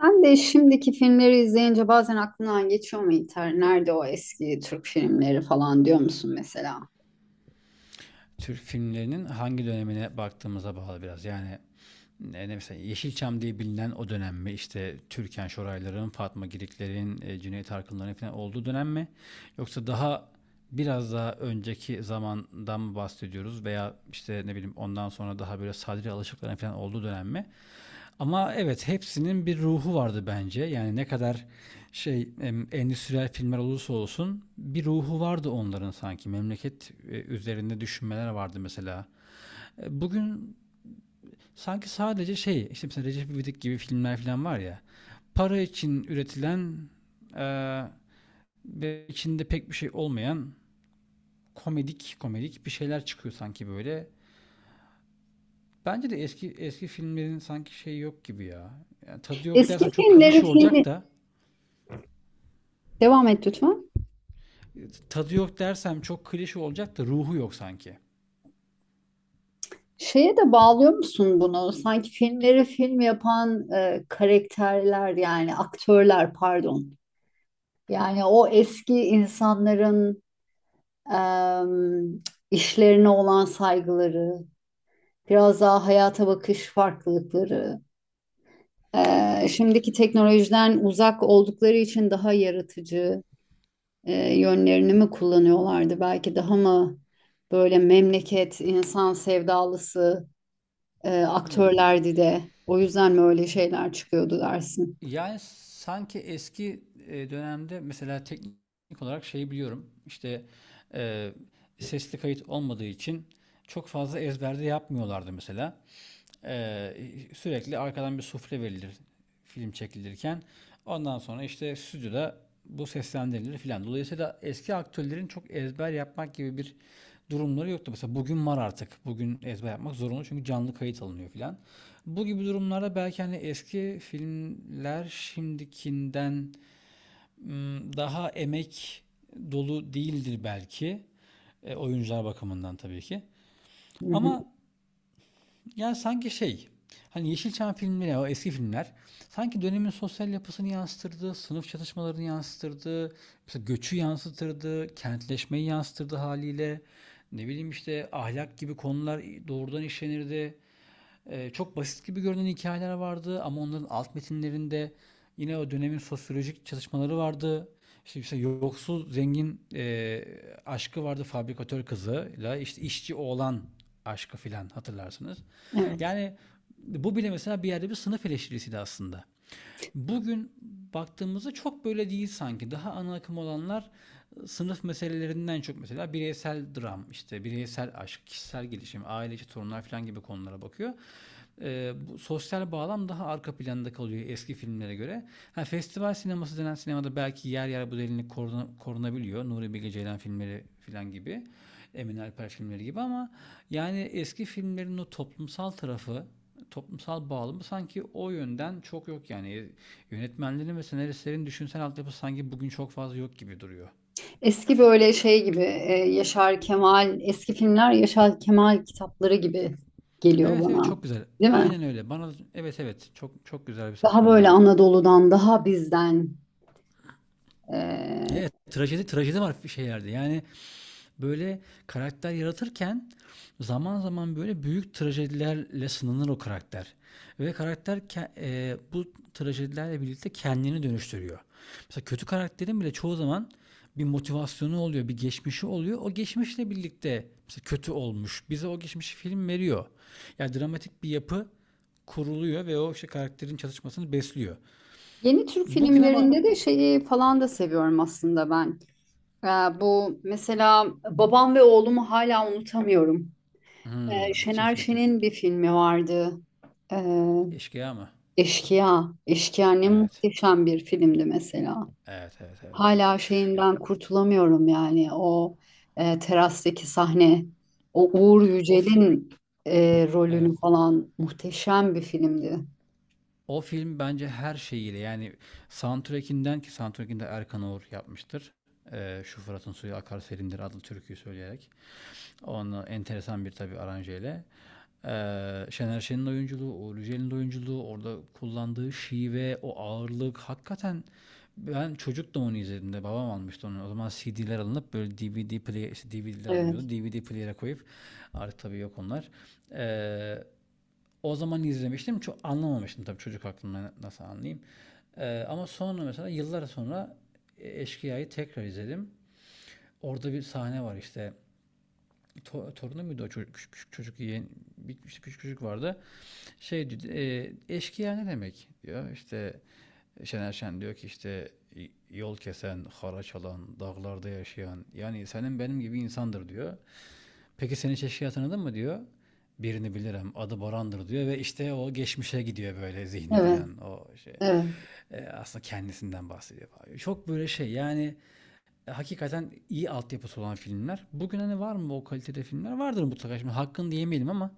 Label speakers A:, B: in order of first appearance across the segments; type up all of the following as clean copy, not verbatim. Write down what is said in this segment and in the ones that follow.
A: Sen de şimdiki filmleri izleyince bazen aklından geçiyor mu, İlter? Nerede o eski Türk filmleri falan diyor musun mesela?
B: Türk filmlerinin hangi dönemine baktığımıza bağlı biraz. Yani ne, mesela Yeşilçam diye bilinen o dönem mi? İşte Türkan Şorayların, Fatma Giriklerin, Cüneyt Arkınların falan olduğu dönem mi? Yoksa daha biraz daha önceki zamandan mı bahsediyoruz veya işte ne bileyim ondan sonra daha böyle Sadri Alışıkların falan olduğu dönem mi? Ama evet, hepsinin bir ruhu vardı bence. Yani ne kadar endüstriyel filmler olursa olsun bir ruhu vardı onların sanki. Memleket üzerinde düşünmeler vardı mesela. Bugün sanki sadece şey, işte mesela Recep İvedik gibi filmler falan var ya. Para için üretilen e, ve içinde pek bir şey olmayan komedik komedik bir şeyler çıkıyor sanki böyle. Bence de eski eski filmlerin sanki şeyi yok gibi ya. Yani tadı yok
A: Eski
B: dersem çok
A: filmleri
B: klişe olacak
A: filmi...
B: da
A: Devam et lütfen.
B: tadı yok dersem çok klişe olacak da ruhu yok sanki.
A: Şeye de bağlıyor musun bunu? Sanki filmleri film yapan karakterler, yani aktörler pardon. Yani o eski insanların e, işlerine olan saygıları, biraz daha hayata bakış farklılıkları. Şimdiki teknolojiden uzak oldukları için daha yaratıcı yönlerini mi kullanıyorlardı? Belki daha mı böyle memleket, insan sevdalısı aktörlerdi de o yüzden mi öyle şeyler çıkıyordu dersin?
B: Yani sanki eski dönemde mesela teknik olarak şey biliyorum. İşte e, sesli kayıt olmadığı için çok fazla ezberde yapmıyorlardı mesela. Ee, Sürekli arkadan bir sufle verilir film çekilirken. Ondan sonra işte stüdyoda bu seslendirilir filan. Dolayısıyla eski aktörlerin çok ezber yapmak gibi bir durumları yoktu. Mesela bugün var artık. Bugün ezber yapmak zorunlu, çünkü canlı kayıt alınıyor filan. Bu gibi durumlarda belki hani eski filmler şimdikinden daha emek dolu değildir belki. Oyuncular bakımından tabii ki.
A: Hı hı.
B: Ama yani sanki şey, hani Yeşilçam filmleri, o eski filmler sanki dönemin sosyal yapısını yansıtırdı, sınıf çatışmalarını yansıtırdı, mesela göçü yansıtırdı, kentleşmeyi yansıtırdı haliyle. Ne bileyim, işte ahlak gibi konular doğrudan işlenirdi. Çok basit gibi görünen hikayeler vardı, ama onların alt metinlerinde yine o dönemin sosyolojik çalışmaları vardı. İşte mesela yoksul zengin aşkı vardı, fabrikatör kızıyla işte işçi oğlan aşkı filan, hatırlarsınız.
A: Evet.
B: Yani bu bile mesela bir yerde bir sınıf eleştirisiydi aslında. Bugün baktığımızda çok böyle değil sanki. Daha ana akım olanlar sınıf meselelerinden çok mesela bireysel dram, işte bireysel aşk, kişisel gelişim, aile içi sorunlar falan gibi konulara bakıyor. Bu sosyal bağlam daha arka planda kalıyor eski filmlere göre. Ha, festival sineması denen sinemada belki yer yer bu derinlik korunabiliyor. Nuri Bilge Ceylan filmleri falan gibi. Emin Alper filmleri gibi, ama yani eski filmlerin o toplumsal tarafı, toplumsal bağlamı sanki o yönden çok yok yani. Yönetmenlerin ve senaristlerin düşünsel altyapısı sanki bugün çok fazla yok gibi duruyor.
A: Eski böyle şey gibi Yaşar Kemal, eski filmler Yaşar Kemal kitapları gibi geliyor
B: Evet, evet,
A: bana,
B: çok güzel.
A: değil mi?
B: Aynen öyle. Bana evet, evet çok çok güzel bir
A: Daha
B: saptama
A: böyle
B: oldu.
A: Anadolu'dan, daha bizden. e,
B: Evet, trajedi trajedi var şeylerde. Yani böyle karakter yaratırken zaman zaman böyle büyük trajedilerle sınanır o karakter. Ve karakter bu trajedilerle birlikte kendini dönüştürüyor. Mesela kötü karakterin bile çoğu zaman bir motivasyonu oluyor, bir geçmişi oluyor. O geçmişle birlikte mesela kötü olmuş. Bize o geçmişi film veriyor. Yani dramatik bir yapı kuruluyor ve o işte karakterin çatışmasını besliyor.
A: Yeni Türk
B: Bugüne bak.
A: filmlerinde de şeyi falan da seviyorum aslında ben. Ee, Bu mesela Babam ve Oğlum'u hala unutamıyorum.
B: Hmm,
A: Şener
B: Çetin Tekin.
A: Şen'in bir filmi vardı. Ee,
B: Eşkıya mı?
A: Eşkıya. Eşkıya ne
B: Evet.
A: muhteşem bir filmdi mesela.
B: Evet, evet, evet, evet.
A: Hala
B: Ya,
A: şeyinden kurtulamıyorum, yani o terastaki sahne. O Uğur
B: O fi
A: Yücel'in
B: evet.
A: rolünü falan, muhteşem bir filmdi.
B: O film bence her şeyiyle, yani soundtrack'inden, ki soundtrack'inde Erkan Oğur yapmıştır. Şu Fırat'ın suyu akar serindir adlı türküyü söyleyerek. Onu enteresan bir tabii aranjeyle. Şener Şen'in oyunculuğu, Uğur Yücel'in oyunculuğu, orada kullandığı şive, o ağırlık hakikaten, ben çocuk da onu izlediğimde babam almıştı onu. O zaman CD'ler alınıp böyle DVD player, DVD'ler
A: Evet,
B: alınıyordu. DVD player'e koyup, artık tabii yok onlar. Ee, O zaman izlemiştim. Çok anlamamıştım tabii, çocuk aklımda nasıl anlayayım. Ama sonra mesela yıllar sonra Eşkıya'yı tekrar izledim. Orada bir sahne var işte. Torunu muydu o çocuk? Küçük, küçük çocuk, yeğen. Bir, işte küçük çocuk vardı. Eşkıya ne demek, diyor. İşte Şener Şen diyor ki, işte yol kesen, haraç alan, dağlarda yaşayan, yani senin benim gibi insandır, diyor. Peki, senin çeşkiyi tanıdın mı, diyor. Birini bilirim, adı Boran'dır, diyor ve işte o geçmişe gidiyor böyle, zihni
A: evet,
B: filan o şey.
A: evet.
B: Aslında kendisinden bahsediyor, falan. Çok böyle şey yani, hakikaten iyi altyapısı olan filmler. Bugün hani var mı o kalitede filmler? Vardır mutlaka, şimdi hakkını diyemeyelim, ama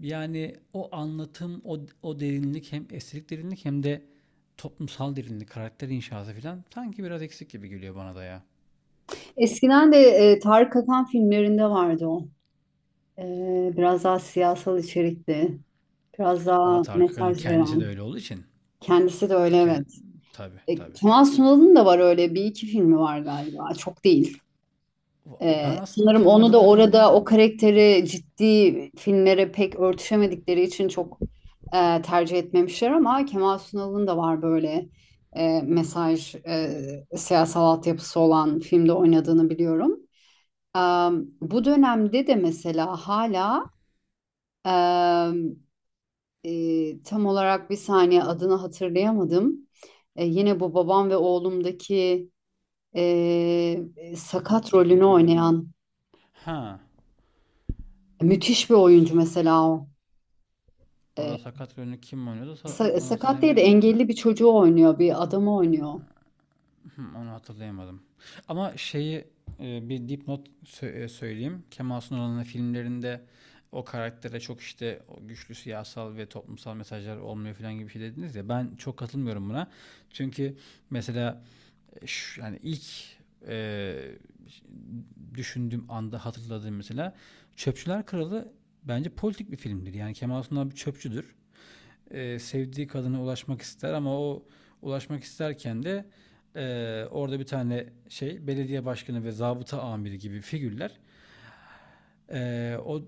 B: yani o anlatım, o derinlik, hem estetik derinlik hem de toplumsal derinlik, karakter inşası filan sanki biraz eksik gibi geliyor bana da ya.
A: Eskiden de Tarık Akan filmlerinde vardı o. E, Biraz daha siyasal içerikli, biraz daha
B: Ama Tarık Akan'ın
A: mesaj
B: kendisi de
A: veren.
B: öyle olduğu için,
A: Kendisi de öyle,
B: kend...
A: evet.
B: tabi
A: E,
B: tabi.
A: Kemal Sunal'ın da var öyle bir iki filmi var galiba. Çok değil.
B: Ben aslında
A: Sanırım
B: Kemal
A: onu da,
B: Sunal
A: orada
B: filmlerin.
A: o karakteri ciddi filmlere pek örtüşemedikleri için çok tercih etmemişler, ama Kemal Sunal'ın da var böyle e, mesaj, e, siyasal altyapısı olan filmde oynadığını biliyorum. Bu dönemde de mesela hala em, tam olarak bir saniye adını hatırlayamadım. Yine bu Babam ve Oğlum'daki e,
B: Çetin,
A: sakat
B: Çetin
A: rolünü
B: Tekin'dir.
A: oynayan
B: Ha.
A: müthiş bir oyuncu mesela o. E,
B: Orada sakat rolünü kim oynuyordu, onu
A: sakat değil de
B: hatırlayamadım da.
A: engelli bir çocuğu oynuyor, bir adamı oynuyor.
B: Onu hatırlayamadım. Ama şeyi, bir dipnot söyleyeyim. Kemal Sunal'ın filmlerinde o karaktere çok, işte o güçlü siyasal ve toplumsal mesajlar olmuyor falan gibi bir şey dediniz ya. Ben çok katılmıyorum buna. Çünkü mesela yani ilk e, düşündüğüm anda hatırladığım mesela Çöpçüler Kralı bence politik bir filmdir. Yani Kemal Sunal bir çöpçüdür. Sevdiği kadına ulaşmak ister, ama o ulaşmak isterken de orada bir tane şey, belediye başkanı ve zabıta amiri gibi figürler, o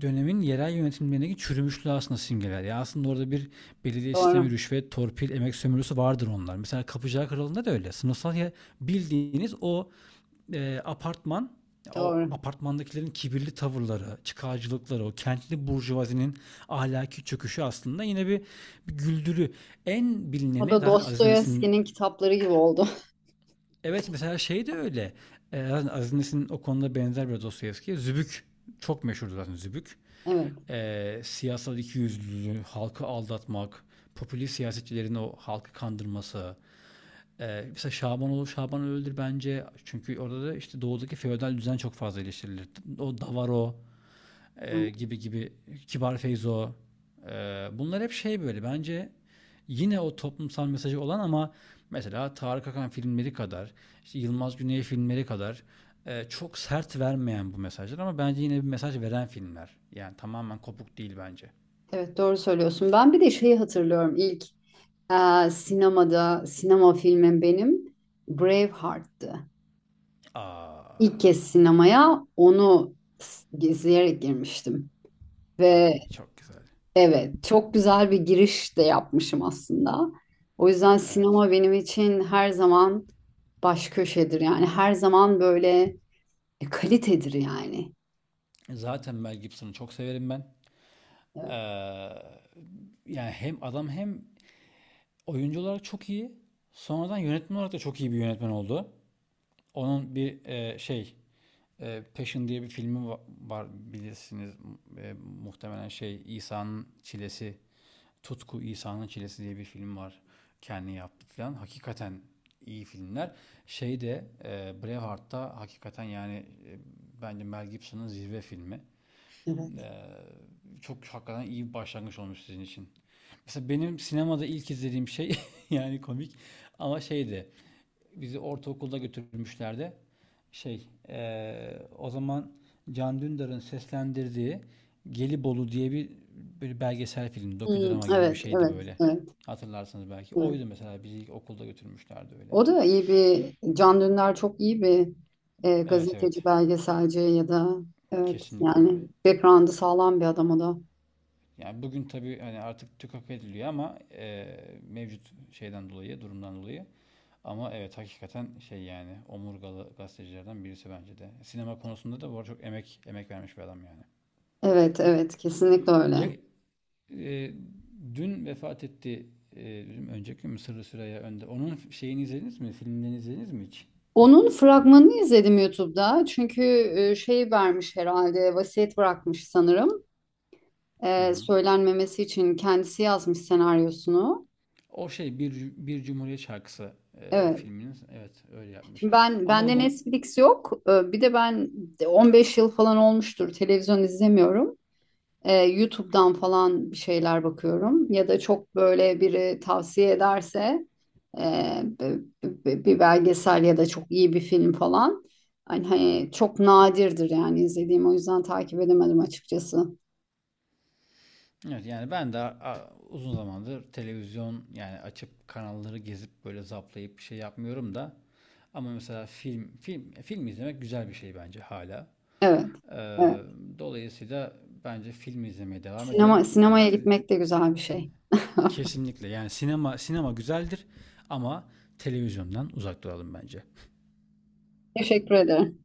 B: dönemin yerel yönetimlerindeki çürümüşlüğü aslında simgeler. Yani aslında orada bir belediye sistemi,
A: Doğru,
B: rüşvet, torpil, emek sömürüsü vardır onlar. Mesela Kapıcılar Kralı'nda da öyle. Sınıfsal bildiğiniz o apartman, o
A: doğru.
B: apartmandakilerin kibirli tavırları, çıkarcılıkları, o kentli burjuvazinin ahlaki çöküşü aslında yine bir, güldürü. En
A: O
B: bilineni
A: da
B: zaten Aziz Nesin'in.
A: Dostoyevski'nin kitapları gibi oldu.
B: Evet, mesela şey de öyle. Aziz Nesin o konuda benzer bir Dostoyevski'ye. Zübük çok meşhurdu zaten. Zübük,
A: Evet.
B: siyasal ikiyüzlülüğü, halkı aldatmak, popülist siyasetçilerin o halkı kandırması. Mesela Şabanoğlu Şabanoğlu öldür bence. Çünkü orada da işte doğudaki feodal düzen çok fazla eleştirilir. O Davaro
A: Evet,
B: gibi gibi, Kibar Feyzo. e, Bunlar hep şey böyle bence, yine o toplumsal mesajı olan, ama mesela Tarık Akan filmleri kadar, işte Yılmaz Güney filmleri kadar çok sert vermeyen bu mesajlar, ama bence yine bir mesaj veren filmler. Yani tamamen kopuk değil bence.
A: evet, doğru söylüyorsun. Ben bir de şeyi hatırlıyorum. İlk sinemada sinema filmim benim Braveheart'tı. İlk
B: Aa.
A: kez sinemaya onu izleyerek girmiştim. Ve
B: Ay, çok güzel.
A: evet, çok güzel bir giriş de yapmışım aslında. O yüzden
B: Evet.
A: sinema benim için her zaman baş köşedir. Yani her zaman böyle kalitedir yani.
B: Zaten Mel Gibson'ı çok severim ben. Ee,
A: Evet.
B: Yani hem adam hem oyuncu olarak çok iyi. Sonradan yönetmen olarak da çok iyi bir yönetmen oldu. Onun bir Passion diye bir filmi var, bilirsiniz. Muhtemelen şey, İsa'nın çilesi, Tutku İsa'nın Çilesi diye bir film var. Kendi yaptı falan. Hakikaten iyi filmler. Braveheart'ta hakikaten, yani e, bence Mel Gibson'ın zirve filmi.
A: Evet.
B: Çok hakikaten iyi bir başlangıç olmuş sizin için. Mesela benim sinemada ilk izlediğim şey yani komik, ama şeydi, bizi ortaokulda götürmüşlerdi. O zaman Can Dündar'ın seslendirdiği Gelibolu diye bir, böyle belgesel film,
A: Hmm,
B: dokudrama gibi bir
A: evet,
B: şeydi
A: evet,
B: böyle.
A: evet.
B: Hatırlarsınız belki.
A: Hı.
B: Oydu mesela, bizi ilk okulda götürmüşlerdi öyle.
A: O da iyi bir, Can Dündar çok iyi bir
B: Evet,
A: gazeteci,
B: evet.
A: belgeselci ya da evet,
B: Kesinlikle
A: yani
B: öyle.
A: background'ı sağlam bir adam o da.
B: Yani bugün tabii hani artık tükak ediliyor, ama mevcut şeyden dolayı, durumdan dolayı. Ama evet, hakikaten şey, yani omurgalı gazetecilerden birisi bence de. Sinema konusunda da bu arada çok emek emek vermiş bir adam yani.
A: Evet, evet, kesinlikle öyle.
B: Ya, Eee, dün vefat etti. Eee, Önceki gün mü, Süreyya Önde. Onun şeyini izlediniz mi? Filmlerini izlediniz mi hiç?
A: Onun fragmanını izledim YouTube'da, çünkü şey vermiş herhalde, vasiyet bırakmış sanırım.
B: Hı hı.
A: Söylenmemesi için kendisi yazmış senaryosunu.
B: O şey, bir Cumhuriyet şarkısı,
A: Evet.
B: filminiz. Evet, öyle yapmış.
A: Şimdi ben,
B: Ama
A: bende
B: onun,
A: Netflix yok. Bir de ben 15 yıl falan olmuştur televizyon izlemiyorum. YouTube'dan falan bir şeyler bakıyorum, ya da çok böyle biri tavsiye ederse e, b- bir belgesel ya da çok iyi bir film falan, hani çok nadirdir yani izlediğim, o yüzden takip edemedim açıkçası.
B: evet, yani ben de uzun zamandır televizyon, yani açıp kanalları gezip böyle zaplayıp bir şey yapmıyorum da, ama mesela film film film izlemek güzel bir şey bence hala.
A: Evet,
B: Eee,
A: evet.
B: Dolayısıyla bence film izlemeye devam
A: Sinema
B: edelim.
A: sinemaya gitmek de güzel bir şey.
B: Kesinlikle, yani sinema sinema güzeldir, ama televizyondan uzak duralım bence.
A: Teşekkür ederim.